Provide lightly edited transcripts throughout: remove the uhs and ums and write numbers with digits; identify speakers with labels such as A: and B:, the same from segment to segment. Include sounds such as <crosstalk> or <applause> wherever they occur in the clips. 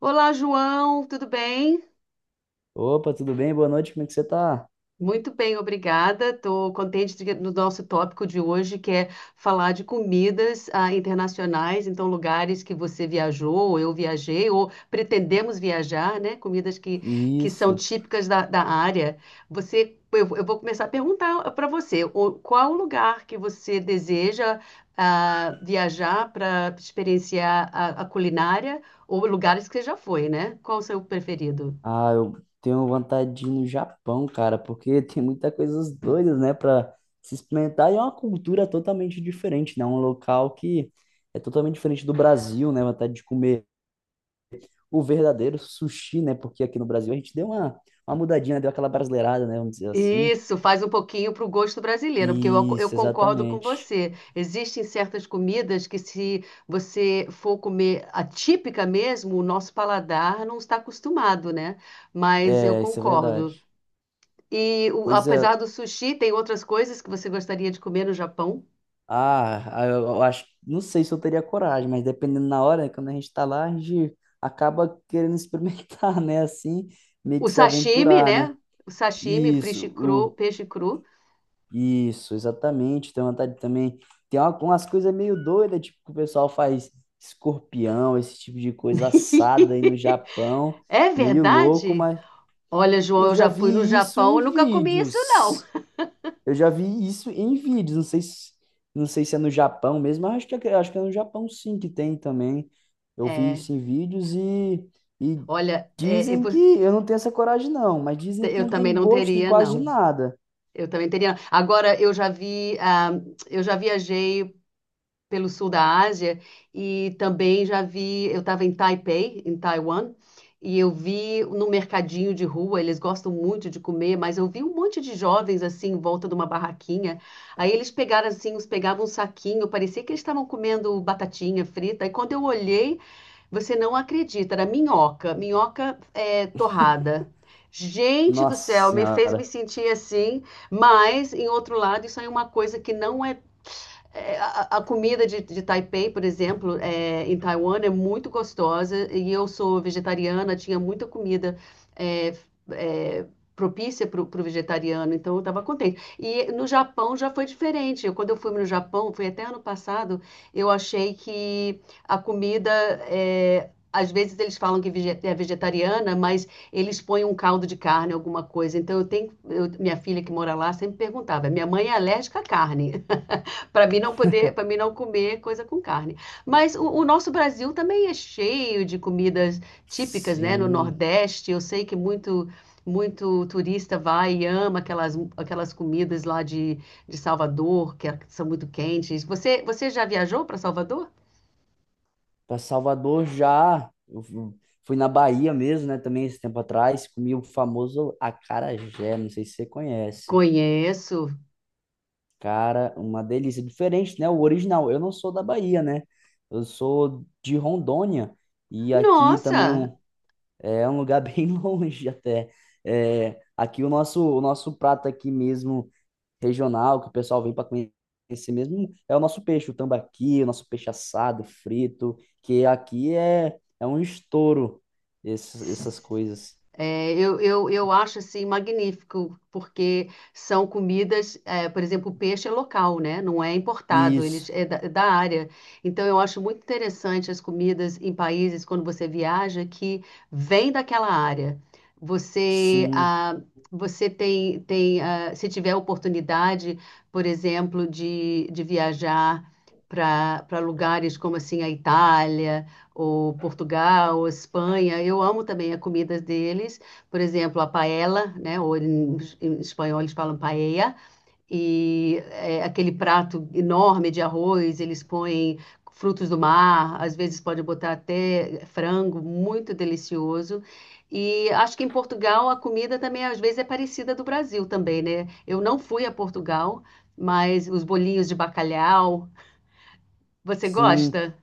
A: Olá, João, tudo bem?
B: Opa, tudo bem? Boa noite, como é que você tá?
A: Muito bem, obrigada. Estou contente do nosso tópico de hoje, que é falar de comidas internacionais, então lugares que você viajou, ou eu viajei, ou pretendemos viajar, né? Comidas que são
B: Isso.
A: típicas da área. Eu vou começar a perguntar para você, qual o lugar que você deseja viajar para experienciar a culinária, ou lugares que você já foi, né? Qual o seu preferido?
B: Ah, eu tenho vontade de ir no Japão, cara, porque <laughs> tem muita coisas doidas, né, pra se experimentar. E é uma cultura totalmente diferente, né? Um local que é totalmente diferente do Brasil, né? Vontade de comer o verdadeiro sushi, né? Porque aqui no Brasil a gente deu uma mudadinha, né, deu aquela brasileirada, né? Vamos dizer assim.
A: Isso, faz um pouquinho para o gosto brasileiro, porque eu
B: Isso,
A: concordo com
B: exatamente.
A: você. Existem certas comidas que, se você for comer a típica mesmo, o nosso paladar não está acostumado, né? Mas eu
B: É, isso é
A: concordo.
B: verdade. Pois é.
A: Apesar do sushi, tem outras coisas que você gostaria de comer no Japão?
B: Eu acho, não sei se eu teria coragem, mas dependendo na hora, quando a gente tá lá, a gente acaba querendo experimentar, <laughs> né? Assim, meio
A: O
B: que se
A: sashimi,
B: aventurar,
A: né?
B: né?
A: O sashimi,
B: Isso,
A: peixe cru,
B: o,
A: peixe cru.
B: isso, exatamente. Tem vontade também. Tem umas coisas meio doidas, tipo, que o pessoal faz escorpião, esse tipo de coisa assada aí no
A: <laughs>
B: Japão,
A: É
B: meio louco,
A: verdade?
B: mas
A: Olha, João,
B: eu
A: eu
B: já
A: já fui no
B: vi isso
A: Japão,
B: em
A: eu nunca comi isso, não.
B: vídeos. Eu já vi isso em vídeos, não sei se é no Japão mesmo, mas acho que é no Japão sim que tem também. Eu vi
A: É,
B: isso em vídeos e
A: olha,
B: dizem que eu não tenho essa coragem não, mas dizem que
A: eu
B: não
A: também
B: tem
A: não
B: gosto de
A: teria,
B: quase de
A: não.
B: nada.
A: Eu também teria. Não. Agora, eu já vi, eu já viajei pelo sul da Ásia e também já vi. Eu estava em Taipei, em Taiwan, e eu vi no mercadinho de rua. Eles gostam muito de comer, mas eu vi um monte de jovens assim em volta de uma barraquinha. Aí eles pegaram assim, uns pegavam um saquinho, parecia que eles estavam comendo batatinha frita. E quando eu olhei, você não acredita, era minhoca, minhoca torrada. Gente do
B: Nossa
A: céu, me fez me
B: Senhora.
A: sentir assim, mas, em outro lado, isso é uma coisa que não é. A comida de Taipei, por exemplo, é, em Taiwan é muito gostosa e eu sou vegetariana, tinha muita comida é, é, propícia para o pro vegetariano, então eu estava contente. E no Japão já foi diferente. Quando eu fui no Japão, foi até ano passado, eu achei que a comida às vezes eles falam que é vegetariana, mas eles põem um caldo de carne, alguma coisa. Então minha filha que mora lá sempre perguntava: minha mãe é alérgica à carne? Para mim não comer coisa com carne. Mas o nosso Brasil também é cheio de comidas típicas, né? No
B: Sim,
A: Nordeste, eu sei que muito turista vai e ama aquelas comidas lá de Salvador, são muito quentes. Você já viajou para Salvador?
B: para Salvador já. Fui na Bahia mesmo, né, também esse tempo atrás, comi o famoso acarajé, não sei se você conhece.
A: Conheço.
B: Cara, uma delícia. Diferente, né? O original. Eu não sou da Bahia, né? Eu sou de Rondônia. E aqui também
A: Nossa!
B: é um lugar <laughs> bem longe até. É, aqui o nosso prato aqui mesmo, regional, que o pessoal vem para conhecer mesmo, é o nosso peixe, o tambaqui, o nosso peixe assado, frito, que aqui é um estouro, essas coisas.
A: Eu acho assim magnífico, porque são comidas, é, por exemplo, o peixe é local, né? Não é importado, eles
B: Isso,
A: é da área. Então eu acho muito interessante as comidas em países quando você viaja que vem daquela área. Você
B: sim,
A: ah, você tem se tiver oportunidade, por exemplo, de viajar para lugares como assim a Itália ou Portugal, ou Espanha. Eu amo também a comida deles, por exemplo, a paella, né? Ou em espanhol eles falam paella, e é aquele prato enorme de arroz, eles põem frutos do mar, às vezes pode botar até frango, muito delicioso. E acho que em Portugal a comida também às vezes é parecida do Brasil também, né? Eu não fui a Portugal, mas os bolinhos de bacalhau, você
B: sim.
A: gosta?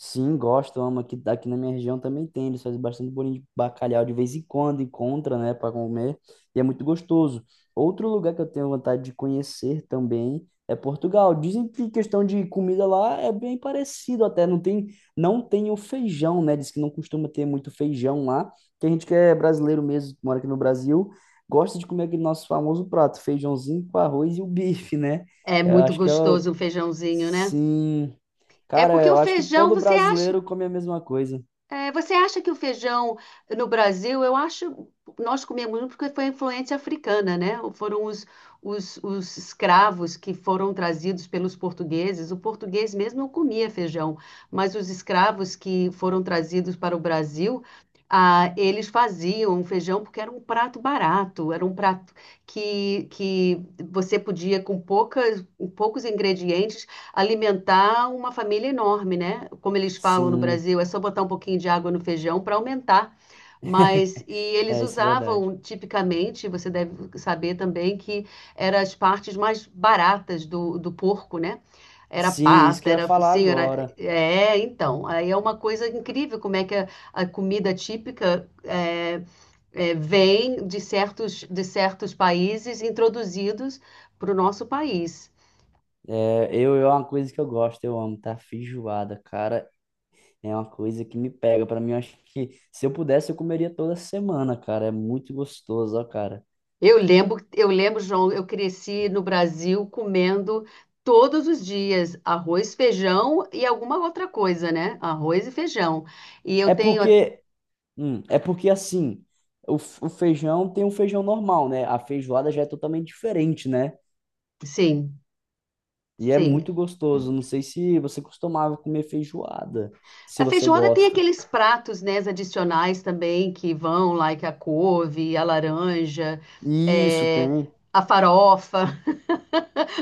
B: Sim, gosto, amo. Aqui na minha região também tem. Eles fazem bastante bolinho de bacalhau de vez em quando, encontra, né, para comer. E é muito gostoso. Outro lugar que eu tenho vontade de conhecer também é Portugal. Dizem que questão de comida lá é bem parecido até. Não tem o feijão, né? Diz que não costuma ter muito feijão lá. Que a gente que é brasileiro mesmo, que mora aqui no Brasil, gosta de comer aquele nosso famoso prato, feijãozinho com arroz e o bife, né?
A: É
B: Eu
A: muito
B: acho que é o...
A: gostoso um feijãozinho, né?
B: Sim.
A: É
B: Cara,
A: porque o
B: eu acho que
A: feijão,
B: todo
A: você acha,
B: brasileiro come a mesma coisa.
A: é, você acha que o feijão no Brasil, eu acho, nós comemos muito porque foi a influência africana, né? Foram os escravos que foram trazidos pelos portugueses. O português mesmo não comia feijão, mas os escravos que foram trazidos para o Brasil, eles faziam um feijão porque era um prato barato, era um prato que você podia, com com poucos ingredientes, alimentar uma família enorme, né? Como eles falam no
B: Sim,
A: Brasil, é só botar um pouquinho de água no feijão para aumentar. Mas e
B: <laughs>
A: eles
B: é isso é verdade.
A: usavam tipicamente, você deve saber também que eram as partes mais baratas do porco, né? Era
B: Sim, isso que
A: pata,
B: eu ia
A: era
B: falar
A: focinho, era.
B: agora.
A: É, então. Aí é uma coisa incrível como é que a comida típica vem de de certos países introduzidos para o nosso país.
B: Eu é uma coisa que eu gosto, eu amo, tá? Feijoada, cara, é uma coisa que me pega. Pra mim, eu acho que se eu pudesse, eu comeria toda semana, cara. É muito gostoso, ó, cara.
A: Eu lembro, João, eu cresci no Brasil comendo todos os dias arroz, feijão e alguma outra coisa, né? Arroz e feijão. E
B: É porque, é porque assim, o feijão tem um feijão normal, né? A feijoada já é totalmente diferente, né?
A: sim,
B: E é
A: sim.
B: muito gostoso. Não sei se você costumava comer feijoada, se
A: A
B: você
A: feijoada tem
B: gosta.
A: aqueles pratos, né, adicionais também que vão, like a couve, a laranja,
B: Isso,
A: é,
B: tem.
A: a farofa.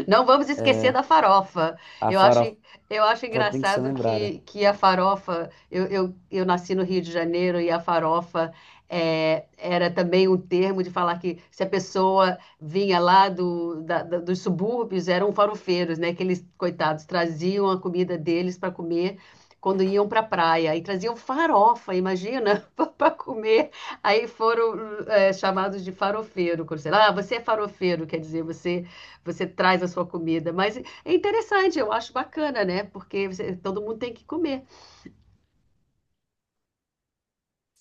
A: Não vamos esquecer
B: É,
A: da farofa.
B: a
A: Eu acho,
B: farofa
A: eu acho
B: tem que ser
A: engraçado
B: lembrada.
A: que a farofa. Eu nasci no Rio de Janeiro e a farofa era também um termo de falar que se a pessoa vinha lá dos subúrbios, eram farofeiros, né? Que eles, coitados, traziam a comida deles para comer. Quando iam para a praia e traziam farofa, imagina, <laughs> para comer. Aí foram chamados de farofeiro. Quando, sei lá, "Ah, você é farofeiro, quer dizer, você traz a sua comida. Mas é interessante, eu acho bacana, né? Todo mundo tem que comer.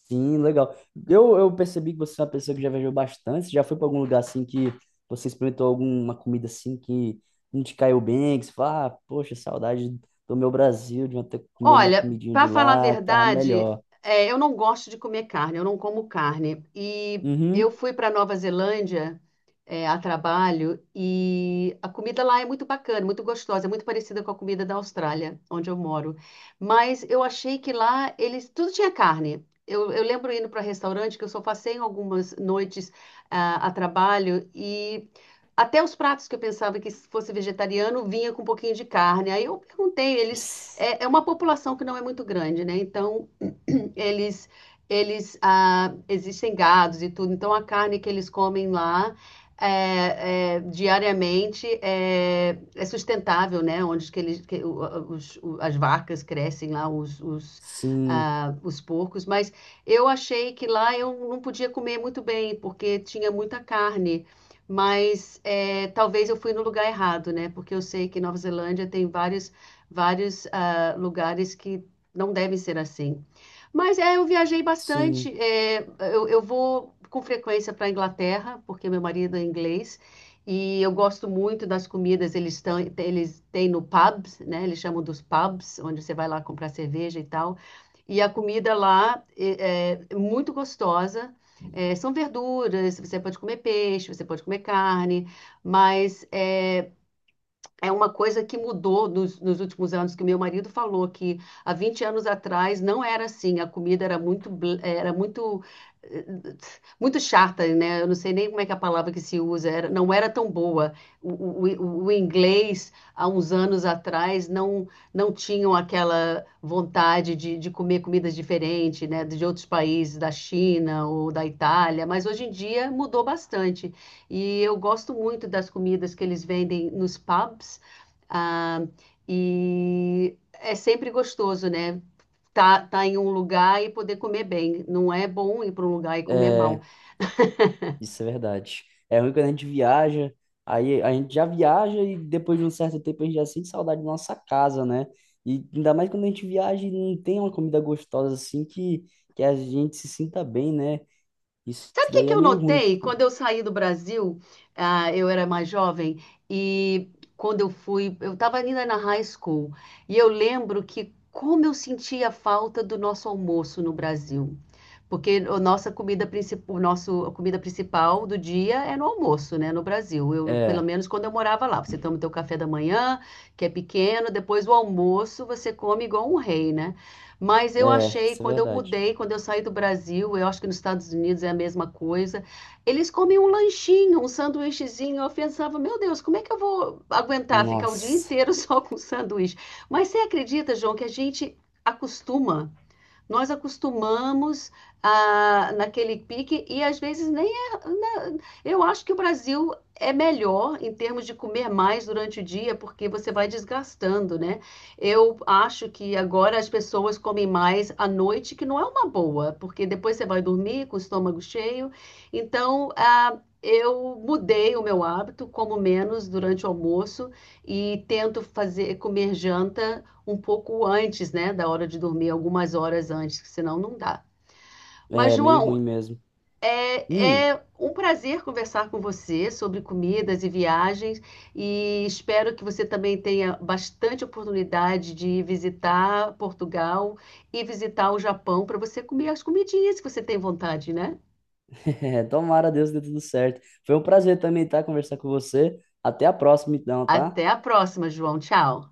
B: Sim, legal. Eu percebi que você é uma pessoa que já viajou bastante. Você já foi para algum lugar assim que você experimentou alguma comida assim que não te caiu bem, que você fala, ah, poxa, saudade do meu Brasil, de eu ter que comer minha
A: Olha,
B: comidinha de
A: para falar a
B: lá, que tava
A: verdade,
B: melhor.
A: eu não gosto de comer carne, eu não como carne. E eu
B: Uhum.
A: fui para Nova Zelândia. A trabalho e a comida lá é muito bacana, muito gostosa, é muito parecida com a comida da Austrália, onde eu moro. Mas eu achei que lá eles tudo tinha carne. Eu lembro indo para restaurante que eu só passei em algumas noites a trabalho e até os pratos que eu pensava que fosse vegetariano vinha com um pouquinho de carne. Aí eu perguntei, eles é uma população que não é muito grande, né? Então eles, eles existem gados e tudo, então a carne que eles comem lá diariamente é sustentável, né? Onde que eles, que, o- os, o- as vacas crescem lá,
B: Sim,
A: os porcos, mas eu achei que lá eu não podia comer muito bem, porque tinha muita carne. Mas é, talvez eu fui no lugar errado, né? Porque eu sei que Nova Zelândia tem vários lugares que não devem ser assim. Mas é, eu viajei
B: sim.
A: bastante. Eu vou com frequência para a Inglaterra, porque meu marido é inglês, e eu gosto muito das comidas. Eles estão, eles têm no pubs, né? Eles chamam dos pubs, onde você vai lá comprar cerveja e tal. E a comida lá é muito gostosa. É, são verduras, você pode comer peixe, você pode comer carne, mas é uma coisa que mudou nos últimos anos, que o meu marido falou que há 20 anos atrás não era assim, a comida era era muito, eh, muito chata, né? Eu não sei nem como é que é a palavra que se usa, era, não era tão boa. O inglês, há uns anos atrás, não tinham aquela vontade de comer comidas diferentes, né? De outros países, da China ou da Itália, mas hoje em dia mudou bastante. E eu gosto muito das comidas que eles vendem nos pubs. ah, e é sempre gostoso, né? Tá em um lugar e poder comer bem. Não é bom ir para um lugar e comer
B: É,
A: mal.
B: isso é verdade. É ruim quando a gente viaja, aí a gente já viaja e depois de um certo tempo a gente já sente saudade da nossa casa, né? E ainda mais quando a gente viaja e não tem uma comida gostosa assim que a gente se sinta bem, né? Isso
A: Sabe o que
B: daí
A: que
B: é
A: eu
B: meio ruim.
A: notei quando eu saí do Brasil? Ah, eu era mais jovem e quando eu fui, eu estava ainda na high school e eu lembro que como eu sentia falta do nosso almoço no Brasil, porque a nossa comida principal, o nosso a comida principal do dia é no almoço, né, no Brasil. Eu, pelo
B: É,
A: menos quando eu morava lá, você toma o teu café da manhã, que é pequeno, depois o almoço você come igual um rei, né? Mas eu achei,
B: isso é verdade.
A: quando eu saí do Brasil, eu acho que nos Estados Unidos é a mesma coisa. Eles comem um lanchinho, um sanduíchezinho. Eu pensava, meu Deus, como é que eu vou aguentar ficar o dia
B: Nossa,
A: inteiro <laughs> só com sanduíche? Mas você acredita, João, que a gente acostuma nós acostumamos naquele pique e às vezes nem é. Eu acho que o Brasil é melhor em termos de comer mais durante o dia, porque você vai desgastando, né? Eu acho que agora as pessoas comem mais à noite, que não é uma boa, porque depois você vai dormir com o estômago cheio. Então, eu mudei o meu hábito, como menos durante o almoço e tento fazer comer janta um pouco antes, né, da hora de dormir, algumas horas antes, senão não dá. Mas,
B: é meio ruim
A: João,
B: mesmo. Hum,
A: é um prazer conversar com você sobre comidas e viagens e espero que você também tenha bastante oportunidade de visitar Portugal e visitar o Japão para você comer as comidinhas que você tem vontade, né?
B: <laughs> é, tomara a Deus que dê tudo certo. Foi um prazer também, tá? Conversar com você. Até a próxima, então, tá?
A: Até a próxima, João. Tchau.